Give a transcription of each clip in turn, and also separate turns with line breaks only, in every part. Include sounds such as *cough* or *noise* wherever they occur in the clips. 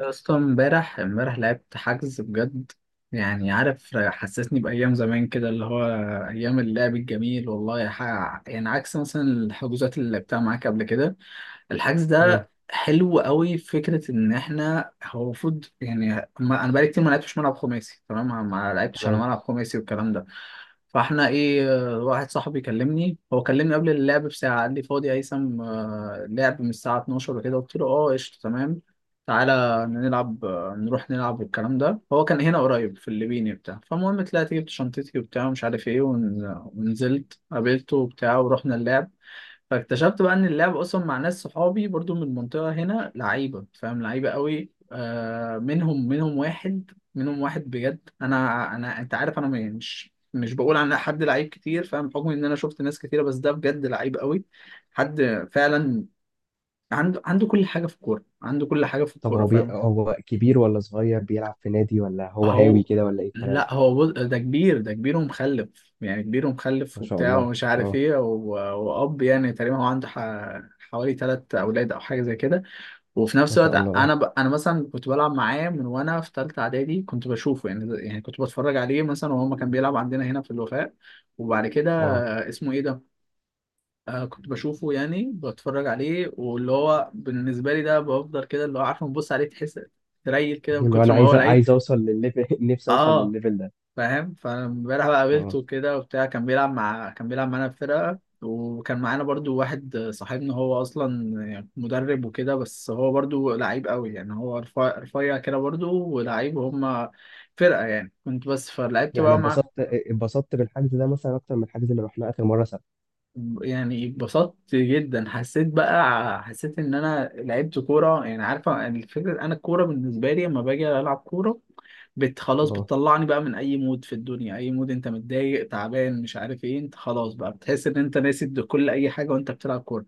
يا اسطى امبارح لعبت حجز بجد. يعني عارف حسسني بأيام زمان كده اللي هو أيام اللعب الجميل والله حاجة، يعني عكس مثلا الحجوزات اللي لعبتها معاك قبل كده. الحجز
اه.
ده حلو قوي، فكرة إن إحنا هو المفروض، يعني ما أنا بقالي كتير ما لعبتش ملعب خماسي، تمام، ما لعبتش أنا
تمام.
ملعب خماسي والكلام ده. فاحنا ايه؟ واحد صاحبي كلمني، هو كلمني قبل اللعب بساعة، قال لي فاضي يا هيثم، لعب من الساعة 12 وكده، قلت له اه قشطة تمام. تعالى نلعب، نروح نلعب والكلام ده. هو كان هنا قريب في الليبيني بتاع. فالمهم طلعت جبت شنطتي وبتاع ومش عارف ايه ونزلت قابلته وبتاع ورحنا اللعب. فاكتشفت بقى ان اللعب اصلا مع ناس صحابي برضو من المنطقة هنا لعيبة، فاهم، لعيبة قوي. آه، منهم واحد بجد. انا انت عارف، انا مش بقول عن حد لعيب كتير، فاهم، بحكم ان انا شفت ناس كتيرة، بس ده بجد لعيب قوي. حد فعلا عنده كل حاجة في الكورة، عنده كل حاجة في
طب
الكورة،
هو
فاهم.
هو كبير ولا صغير بيلعب في نادي ولا هو هاوي
هو
كده ولا ايه الكلام؟
لا بص، ده كبير، ده كبير ومخلف، يعني كبير ومخلف
ما شاء
وبتاع
الله.
ومش عارف
اه.
ايه و يعني تقريبا هو عنده حوالي ثلاث اولاد او حاجه زي كده. وفي
ما
نفس الوقت
شاء الله. اه.
انا انا مثلا كنت بلعب معاه من وانا في ثالثه اعدادي، كنت بشوفه، يعني كنت بتفرج عليه مثلا، وهو ما كان بيلعب عندنا هنا في الوفاء. وبعد كده
اه.
اسمه ايه ده، آه، كنت بشوفه، يعني بتفرج عليه، واللي هو بالنسبه لي ده بفضل كده اللي هو عارفه بنبص عليه تحس تريل كده من
اللي هو
كتر
انا
ما هو
عايز
لعيب.
عايز اوصل للليفل *laughs* نفسي اوصل
اه
للليفل ده.
فاهم. فامبارح بقى
اه.
قابلته كده وبتاع، كان بيلعب مع كان بيلعب معانا في فرقة، وكان معانا برضو واحد صاحبنا هو اصلا يعني مدرب وكده، بس هو برضو لعيب قوي، يعني هو رفيع رفيع كده برضو ولعيب، وهم فرقة يعني، كنت بس. فلعبت
يعني
بقى معاه.
اتبسطت، اتبسطت بالحجز ده مثلا اكتر من الحجز اللي رحناه اخر مره سبت.
يعني اتبسطت جدا، حسيت بقى، حسيت ان انا لعبت كوره. يعني عارفه الفكره، انا الكوره بالنسبه لي لما باجي العب كوره بت خلاص،
اه.
بتطلعني بقى من اي مود في الدنيا، اي مود انت متضايق تعبان مش عارف ايه، انت خلاص بقى بتحس ان انت ناسي كل اي حاجه وانت بتلعب كوره.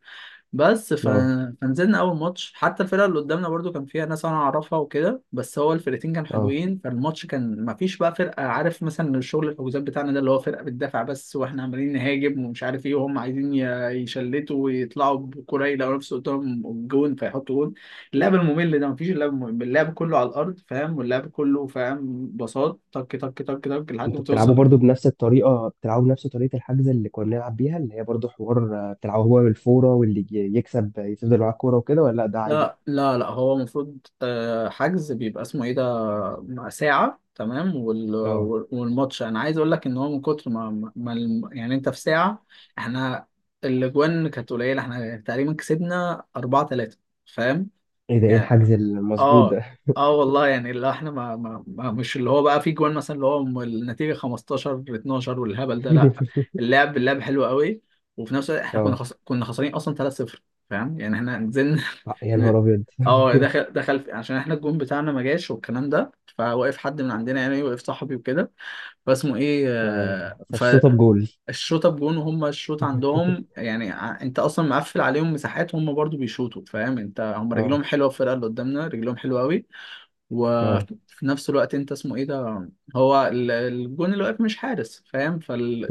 بس
اه.
فنزلنا اول ماتش، حتى الفرقه اللي قدامنا برضو كان فيها ناس انا اعرفها وكده، بس هو الفرقتين كانوا
اه.
حلوين. فالماتش كان ما فيش بقى فرقه، عارف مثلا الشغل الحجوزات بتاعنا ده اللي هو فرقه بتدافع بس واحنا عمالين نهاجم ومش عارف ايه، وهم عايزين يشلتوا ويطلعوا بكره يلاقوا نفسه قدام الجون فيحطوا جون. اللعب الممل ده ما فيش، اللعب الممل، اللعب كله على الارض، فاهم، واللعب كله، فاهم، بساط، طك طك طك طك لحد ما
انتوا بتلعبوا
توصل.
برضو بنفس الطريقه، بتلعبوا بنفس طريقه الحجز اللي كنا بنلعب بيها، اللي هي برضو حوار آه، بتلعبوا هو بالفوره، واللي يكسب يفضل معاه الكوره وكده، ولا لا ده عادي؟
لا هو المفروض، حجز بيبقى اسمه ايه ده ساعة تمام،
اه.
والماتش، انا عايز اقول لك ان هو من كتر ما يعني انت في ساعة احنا الاجوان كانت قليلة، احنا تقريبا كسبنا 4 3 فاهم.
ايه ده؟ ايه
يعني،
الحجز المظبوط
اه
ده؟
اه والله يعني اللي احنا ما مش اللي هو بقى في جوان مثلا اللي هو النتيجه 15 12 والهبل ده، لا،
*laughs*
اللعب اللعب حلو قوي. وفي نفس الوقت احنا كنا
اه.
كنا خسرانين اصلا 3-0 فاهم، يعني احنا نزلنا *laughs*
يا
ن-
نهار ابيض.
اه،
*laughs*
دخل عشان احنا الجون بتاعنا ما جاش والكلام ده، فوقف حد من عندنا، يعني وقف صاحبي وكده. فاسمه ايه،
ف- فالشوطه بجول.
الشوطه بجون، وهم الشوط عندهم
*laughs*
يعني انت اصلا مقفل عليهم مساحات، هم برضو بيشوطوا فاهم، انت هم
اه.
رجلهم حلوه، الفرقه اللي قدامنا رجلهم حلوه قوي.
اه.
وفي نفس الوقت انت اسمه ايه ده، هو الجون اللي واقف مش حارس، فاهم،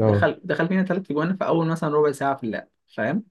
اه.
فينا ثلاث جوان في اول مثلا ربع ساعه في اللعب، فاهم.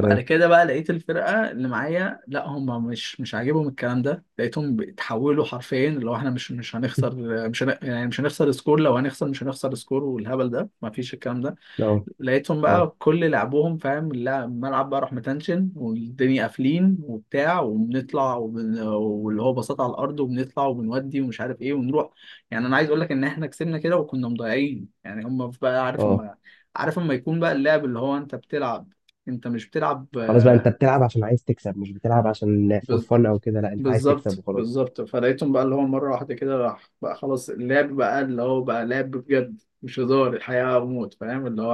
بعد كده بقى لقيت الفرقه اللي معايا لا، هم مش عاجبهم الكلام ده، لقيتهم بيتحولوا حرفيا اللي هو احنا مش هنخسر، مش هن... يعني مش هنخسر سكور، لو هنخسر مش هنخسر سكور، والهبل ده مفيش الكلام ده.
اه.
لقيتهم
اه.
بقى كل لعبهم فاهم الملعب بقى راح متنشن والدنيا قافلين وبتاع وبنطلع واللي هو بساط على الارض وبنطلع وبنودي ومش عارف ايه ونروح. يعني انا عايز اقول لك ان احنا كسبنا كده وكنا مضيعين، يعني هم بقى عارف
اه.
اما عارف اما يكون بقى اللعب اللي هو انت بتلعب، انت مش بتلعب.
خلاص بقى انت بتلعب عشان عايز تكسب، مش بتلعب عشان فور
بز...
فن او كده، لا انت عايز تكسب
بالظبط
وخلاص.
بالظبط. فلقيتهم بقى اللي هو مرة واحدة كده راح بقى خلاص، اللعب بقى اللي هو بقى لعب بجد، مش هزار، الحياة وموت، فاهم، اللي هو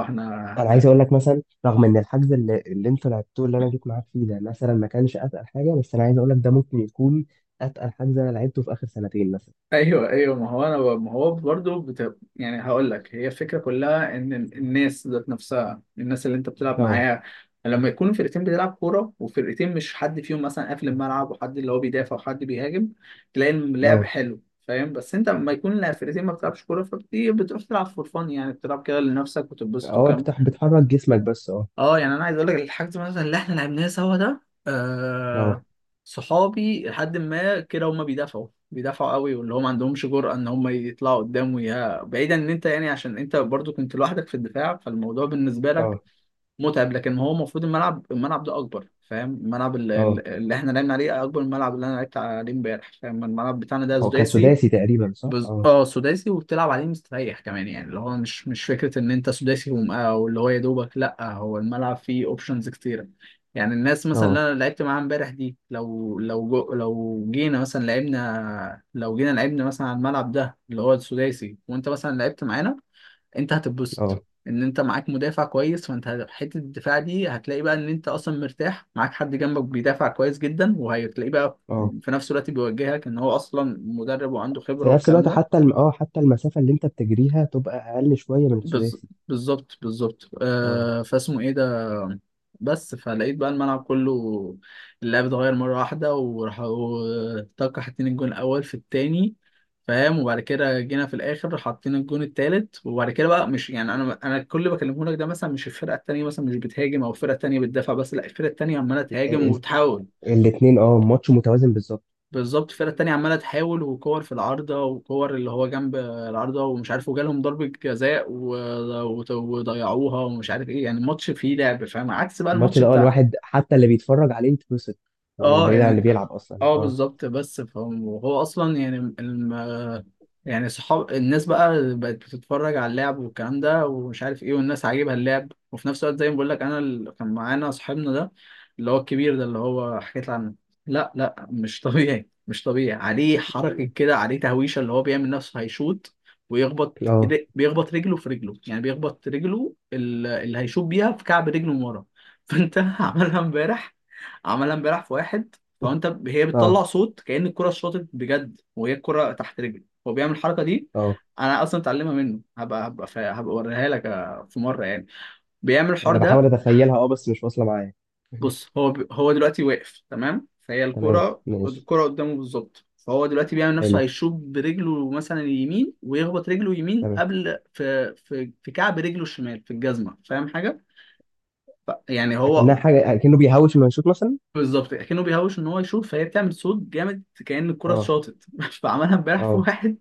انا عايز
احنا.
اقول لك مثلا رغم ان الحجز اللي انتوا لعبتوه اللي انا جيت معاك فيه ده مثلا ما كانش اتقل حاجه، بس انا عايز اقول لك ده ممكن يكون اتقل حجز انا لعبته في اخر سنتين مثلا.
ايوه ايوه، ما هو انا ما هو برضه يعني هقول لك هي الفكره كلها، ان الناس ذات نفسها، الناس اللي انت بتلعب
اه.
معاها لما يكون فرقتين بتلعب كوره، وفرقتين مش حد فيهم مثلا قافل الملعب وحد اللي هو بيدافع وحد بيهاجم، تلاقي اللعب
اه.
حلو فاهم. بس انت لما يكون لا فرقتين ما بتلعبش كوره، فبتيجي بتروح تلعب فور فن، يعني بتلعب كده لنفسك وتتبسط.
اه. بتحرك جسمك بس. اه.
اه يعني انا عايز اقول لك الحاجات مثلا اللي احنا لعبناها سوا ده،
اه.
صحابي لحد ما كده هم بيدافعوا قوي واللي هم ما عندهمش جرأة ان هم يطلعوا قدام، ويا بعيدا ان انت يعني عشان انت برضو كنت لوحدك في الدفاع، فالموضوع بالنسبة لك
اه.
متعب. لكن هو المفروض الملعب الملعب ده اكبر، فاهم، الملعب اللي,
اه.
اللي احنا لعبنا عليه اكبر من الملعب اللي انا لعبت عليه امبارح، فاهم، الملعب بتاعنا ده
اه كان
سداسي.
سداسي تقريبا، صح؟
بز...
اه.
اه سداسي وبتلعب عليه مستريح كمان، يعني اللي هو مش فكره ان انت سداسي او اللي هو يا دوبك، لا، هو الملعب فيه اوبشنز كتيره. يعني الناس مثلا اللي
اه.
انا لعبت معاها امبارح دي لو لو جينا مثلا لعبنا، لو جينا لعبنا مثلا على الملعب ده اللي هو السداسي وانت مثلا لعبت معانا، انت
اه.
هتتبسط، ان انت معاك مدافع كويس، فانت حته الدفاع دي هتلاقي بقى ان انت اصلا مرتاح، معاك حد جنبك بيدافع كويس جدا، وهتلاقيه بقى
اه.
في نفس الوقت بيوجهك ان هو اصلا مدرب وعنده
في
خبره
نفس
والكلام
الوقت
ده.
حتى الم... اه حتى المسافة اللي انت بتجريها تبقى اقل شوية من
بالظ-
السداسي.
بالظبط بالظبط،
اه.
فاسمه ايه ده. بس فلقيت بقى الملعب كله، اللعب اتغير مرة واحدة وراح طاقة، حاطين الجون الأول في التاني، فاهم، وبعد كده جينا في الآخر حاطين الجون التالت. وبعد كده بقى مش يعني أنا كل اللي بكلمه لك ده مثلا مش الفرقة التانية مثلا مش بتهاجم أو الفرقة التانية بتدافع بس، لا، الفرقة التانية عمالة
ال...
تهاجم
ال...
وبتحاول.
الاتنين، اه، ماتش متوازن بالظبط.
بالظبط، الفرقة التانية عمالة تحاول، وكور في العارضة وكور اللي هو جنب العارضة ومش عارف، وجالهم ضربة جزاء و وضيعوها ومش عارف ايه، يعني الماتش فيه لعب، فاهم، عكس بقى
الماتش
الماتش
ده اه
بتاع.
الواحد حتى اللي بيتفرج عليه يتبسط، آه،
اه
بعيد عن
يعني
اللي بيلعب اصلا.
اه
اه.
بالظبط. بس فهم وهو اصلا يعني يعني صحاب الناس بقى بقت بتتفرج على اللعب والكلام ده ومش عارف ايه، والناس عاجبها اللعب، وفي نفس الوقت زي ما بقول لك انا اللي كان معانا صاحبنا ده اللي هو الكبير ده اللي هو حكيت عنه. لا مش طبيعي، مش طبيعي، عليه حركة كده، عليه تهويشة اللي هو بيعمل نفسه هيشوط،
اه.
بيخبط رجله في رجله، يعني بيخبط رجله اللي هيشوط بيها في كعب رجله من ورا. *laughs* فانت عملها امبارح، عملها امبارح في واحد. فانت هي بتطلع
اه.
صوت كأن الكرة اتشاطت بجد، وهي الكرة تحت رجلي هو بيعمل الحركة دي.
اه.
انا اصلا اتعلمها منه، هبقى اوريها لك في مرة يعني بيعمل الحوار
انا بحاول
ده.
اتخيلها، اه، بس مش واصلة معايا. *laughs*
بص هو هو دلوقتي واقف تمام، فهي
تمام،
الكرة،
ماشي.
الكرة قدامه بالظبط، فهو دلوقتي بيعمل نفسه
حلو.
هيشوط برجله مثلا اليمين، ويخبط رجله يمين
تمام.
قبل في كعب رجله الشمال في الجزمة، فاهم حاجة؟ يعني
اكنها
هو،
حاجة، اكنه بيهوش انه يشوط مثلا.
بالظبط، كأنه بيهوش ان هو يشوط، فهي بتعمل صوت جامد كأن الكرة
اه.
اتشاطت. *laughs* فعملها امبارح في
اه.
واحد،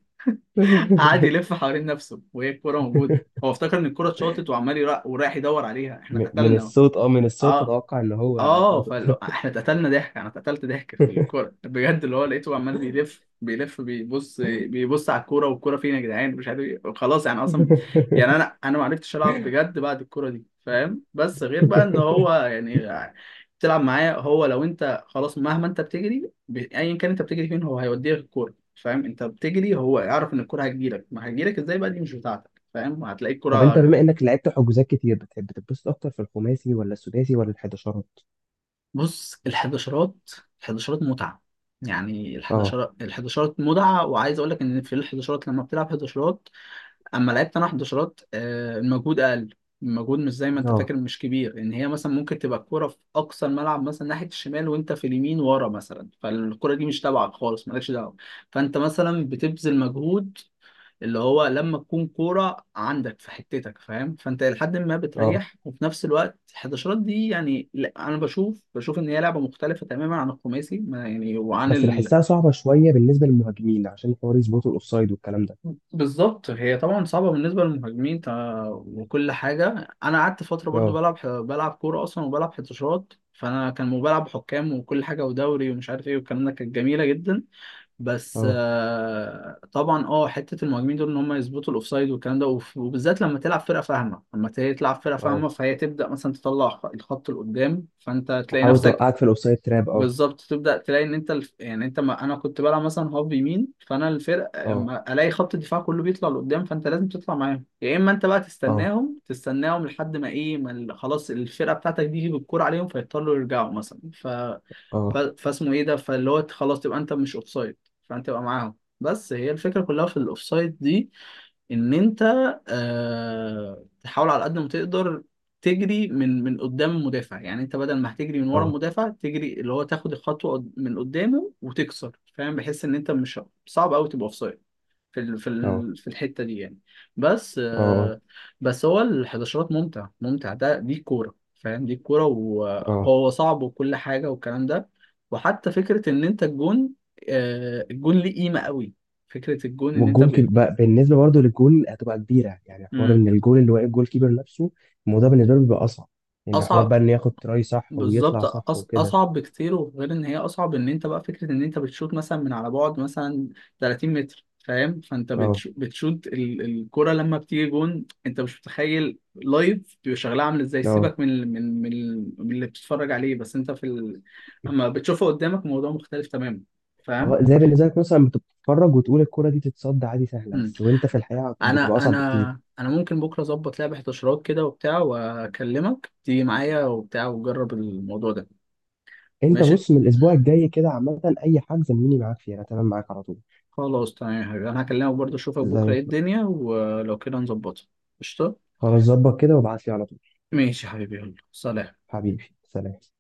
*laughs*
قعد يلف حوالين نفسه وهي الكوره موجوده، هو افتكر ان الكوره اتشاطت وعمال ورايح يدور عليها، احنا
من
اتقتلنا.
الصوت، اه، من الصوت
اه
اتوقع ان هو
اه
شاطر.
فاحنا اتقتلنا ضحك، انا اتقتلت ضحك في الكوره بجد، اللي هو لقيته عمال بيلف بيبص على الكوره، والكوره فين يا جدعان مش عارف ايه، خلاص يعني اصلا، يعني انا ما عرفتش العب بجد بعد الكوره دي، فاهم. بس غير بقى ان
*laughs*
هو يعني تلعب معاه، هو لو انت خلاص مهما انت بتجري ايا كان انت بتجري فين هو هيوديك الكوره، فاهم، انت بتجري هو يعرف ان الكوره هتجيلك، ما هتجيلك ازاي بقى دي مش بتاعتك، فاهم، هتلاقي
طب انت
الكوره.
بما انك لعبت حجوزات كتير، بتحب تتبسط اكتر في الخماسي ولا السداسي ولا الحداشرات؟
بص الحداشرات، الحداشرات متعة يعني
اه.
الحداشرات الحداشرات متعة، وعايز أقول لك إن في الحداشرات لما بتلعب حداشرات، أما لعبت أنا حداشرات، المجهود أقل. المجهود مش زي ما أنت
اه.
فاكر، مش كبير، إن هي مثلا ممكن تبقى الكورة في أقصى الملعب مثلا ناحية الشمال وأنت في اليمين ورا مثلا، فالكورة دي مش تبعك خالص مالكش دعوة، فأنت مثلا بتبذل مجهود اللي هو لما تكون كورة عندك في حتتك، فاهم، فانت لحد ما
اه.
بتريح. وفي نفس الوقت الحداشرات دي يعني لا، انا بشوف ان هي لعبة مختلفة تماما عن الخماسي ما يعني
بس بحسها صعبة شوية بالنسبة للمهاجمين عشان حوار يظبطوا الاوفسايد والكلام ده.
بالظبط هي طبعا صعبة بالنسبة للمهاجمين، وكل حاجة. انا قعدت فترة برضو
اه.
بلعب بلعب كورة اصلا وبلعب حداشرات، فانا كان بلعب حكام وكل حاجة ودوري ومش عارف ايه والكلام ده، كانت جميلة جدا. بس
اه.
طبعا اه حته المهاجمين دول ان هم يظبطوا الاوفسايد والكلام ده، وبالذات لما تلعب فرقه فاهمه، لما تلعب فرقه
اه.
فاهمه، فهي تبدا مثلا تطلع الخط لقدام، فانت تلاقي
تحاول
نفسك
توقعك في الاوفسايد تراب، اه.
بالظبط تبدا تلاقي ان انت يعني انت ما... انا كنت بلعب مثلا هاف يمين، فانا الفرق
اه.
لما الاقي خط الدفاع كله بيطلع لقدام فانت لازم تطلع معاهم، يا اما انت بقى
اه.
تستناهم، تستناهم لحد ما ايه ما خلاص الفرقه بتاعتك دي بالكوره عليهم فيضطروا يرجعوا مثلا.
اه.
فاسمه ايه ده، فاللي هو خلاص تبقى انت مش اوفسايد، فانت تبقى معاهم. بس هي الفكره كلها في الاوفسايد دي ان انت، آه، تحاول على قد ما تقدر تجري من قدام المدافع، يعني انت بدل ما هتجري من ورا
اه.
المدافع تجري اللي هو تاخد الخطوه من قدامه وتكسر، فاهم، بحيث ان انت مش صعب قوي تبقى اوفسايد في
اه.
في الحته دي يعني. بس
اه.
بس هو الحداشرات ممتع، ده دي كوره فاهم، دي كوره
اه.
وهو صعب وكل حاجه والكلام ده. وحتى فكره ان انت الجون، الجون ليه قيمه قوي، فكره الجون ان انت
والجون بالنسبة برضه للجون هتبقى كبيرة، يعني حوار
مم.
ان الجون اللي واقف جول كيبر نفسه الموضوع بالنسبة له بيبقى اصعب. ان حوار
اصعب.
بقى ان ياخد تراي صح
بالظبط،
ويطلع صح وكده.
اصعب بكتير. وغير ان هي اصعب ان انت بقى فكره ان انت بتشوط مثلا من على بعد مثلا 30 متر، فاهم، فانت
اه.
بتشوط الكره لما بتيجي جون، انت مش متخيل لايف بيبقى شغلها عامل ازاي،
اه.
سيبك من اللي بتتفرج عليه، بس انت في اما بتشوفه قدامك الموضوع مختلف تماما، فاهم.
اه. زي بالنسبه لك مثلا بتتفرج وتقول الكرة دي تتصد عادي سهله،
مم.
بس وانت في الحقيقه
انا
بتبقى اصعب
انا
بكتير.
انا ممكن بكره اظبط لعبه 11 كده وبتاع، واكلمك تيجي معايا وبتاع وجرب الموضوع ده.
انت
ماشي،
بص، من الاسبوع الجاي كده عامه اي حاجه زميني معاك فيها، انا تمام معاك على طول.
خلاص تمام يا حبيبي، انا هكلمك برضه اشوفك
زي
بكره ايه
الفل.
الدنيا ولو كده نظبطها. قشطه.
خلاص، ظبط كده وابعت لي على طول.
ماشي يا حبيبي يلا سلام.
حبيبي سلام.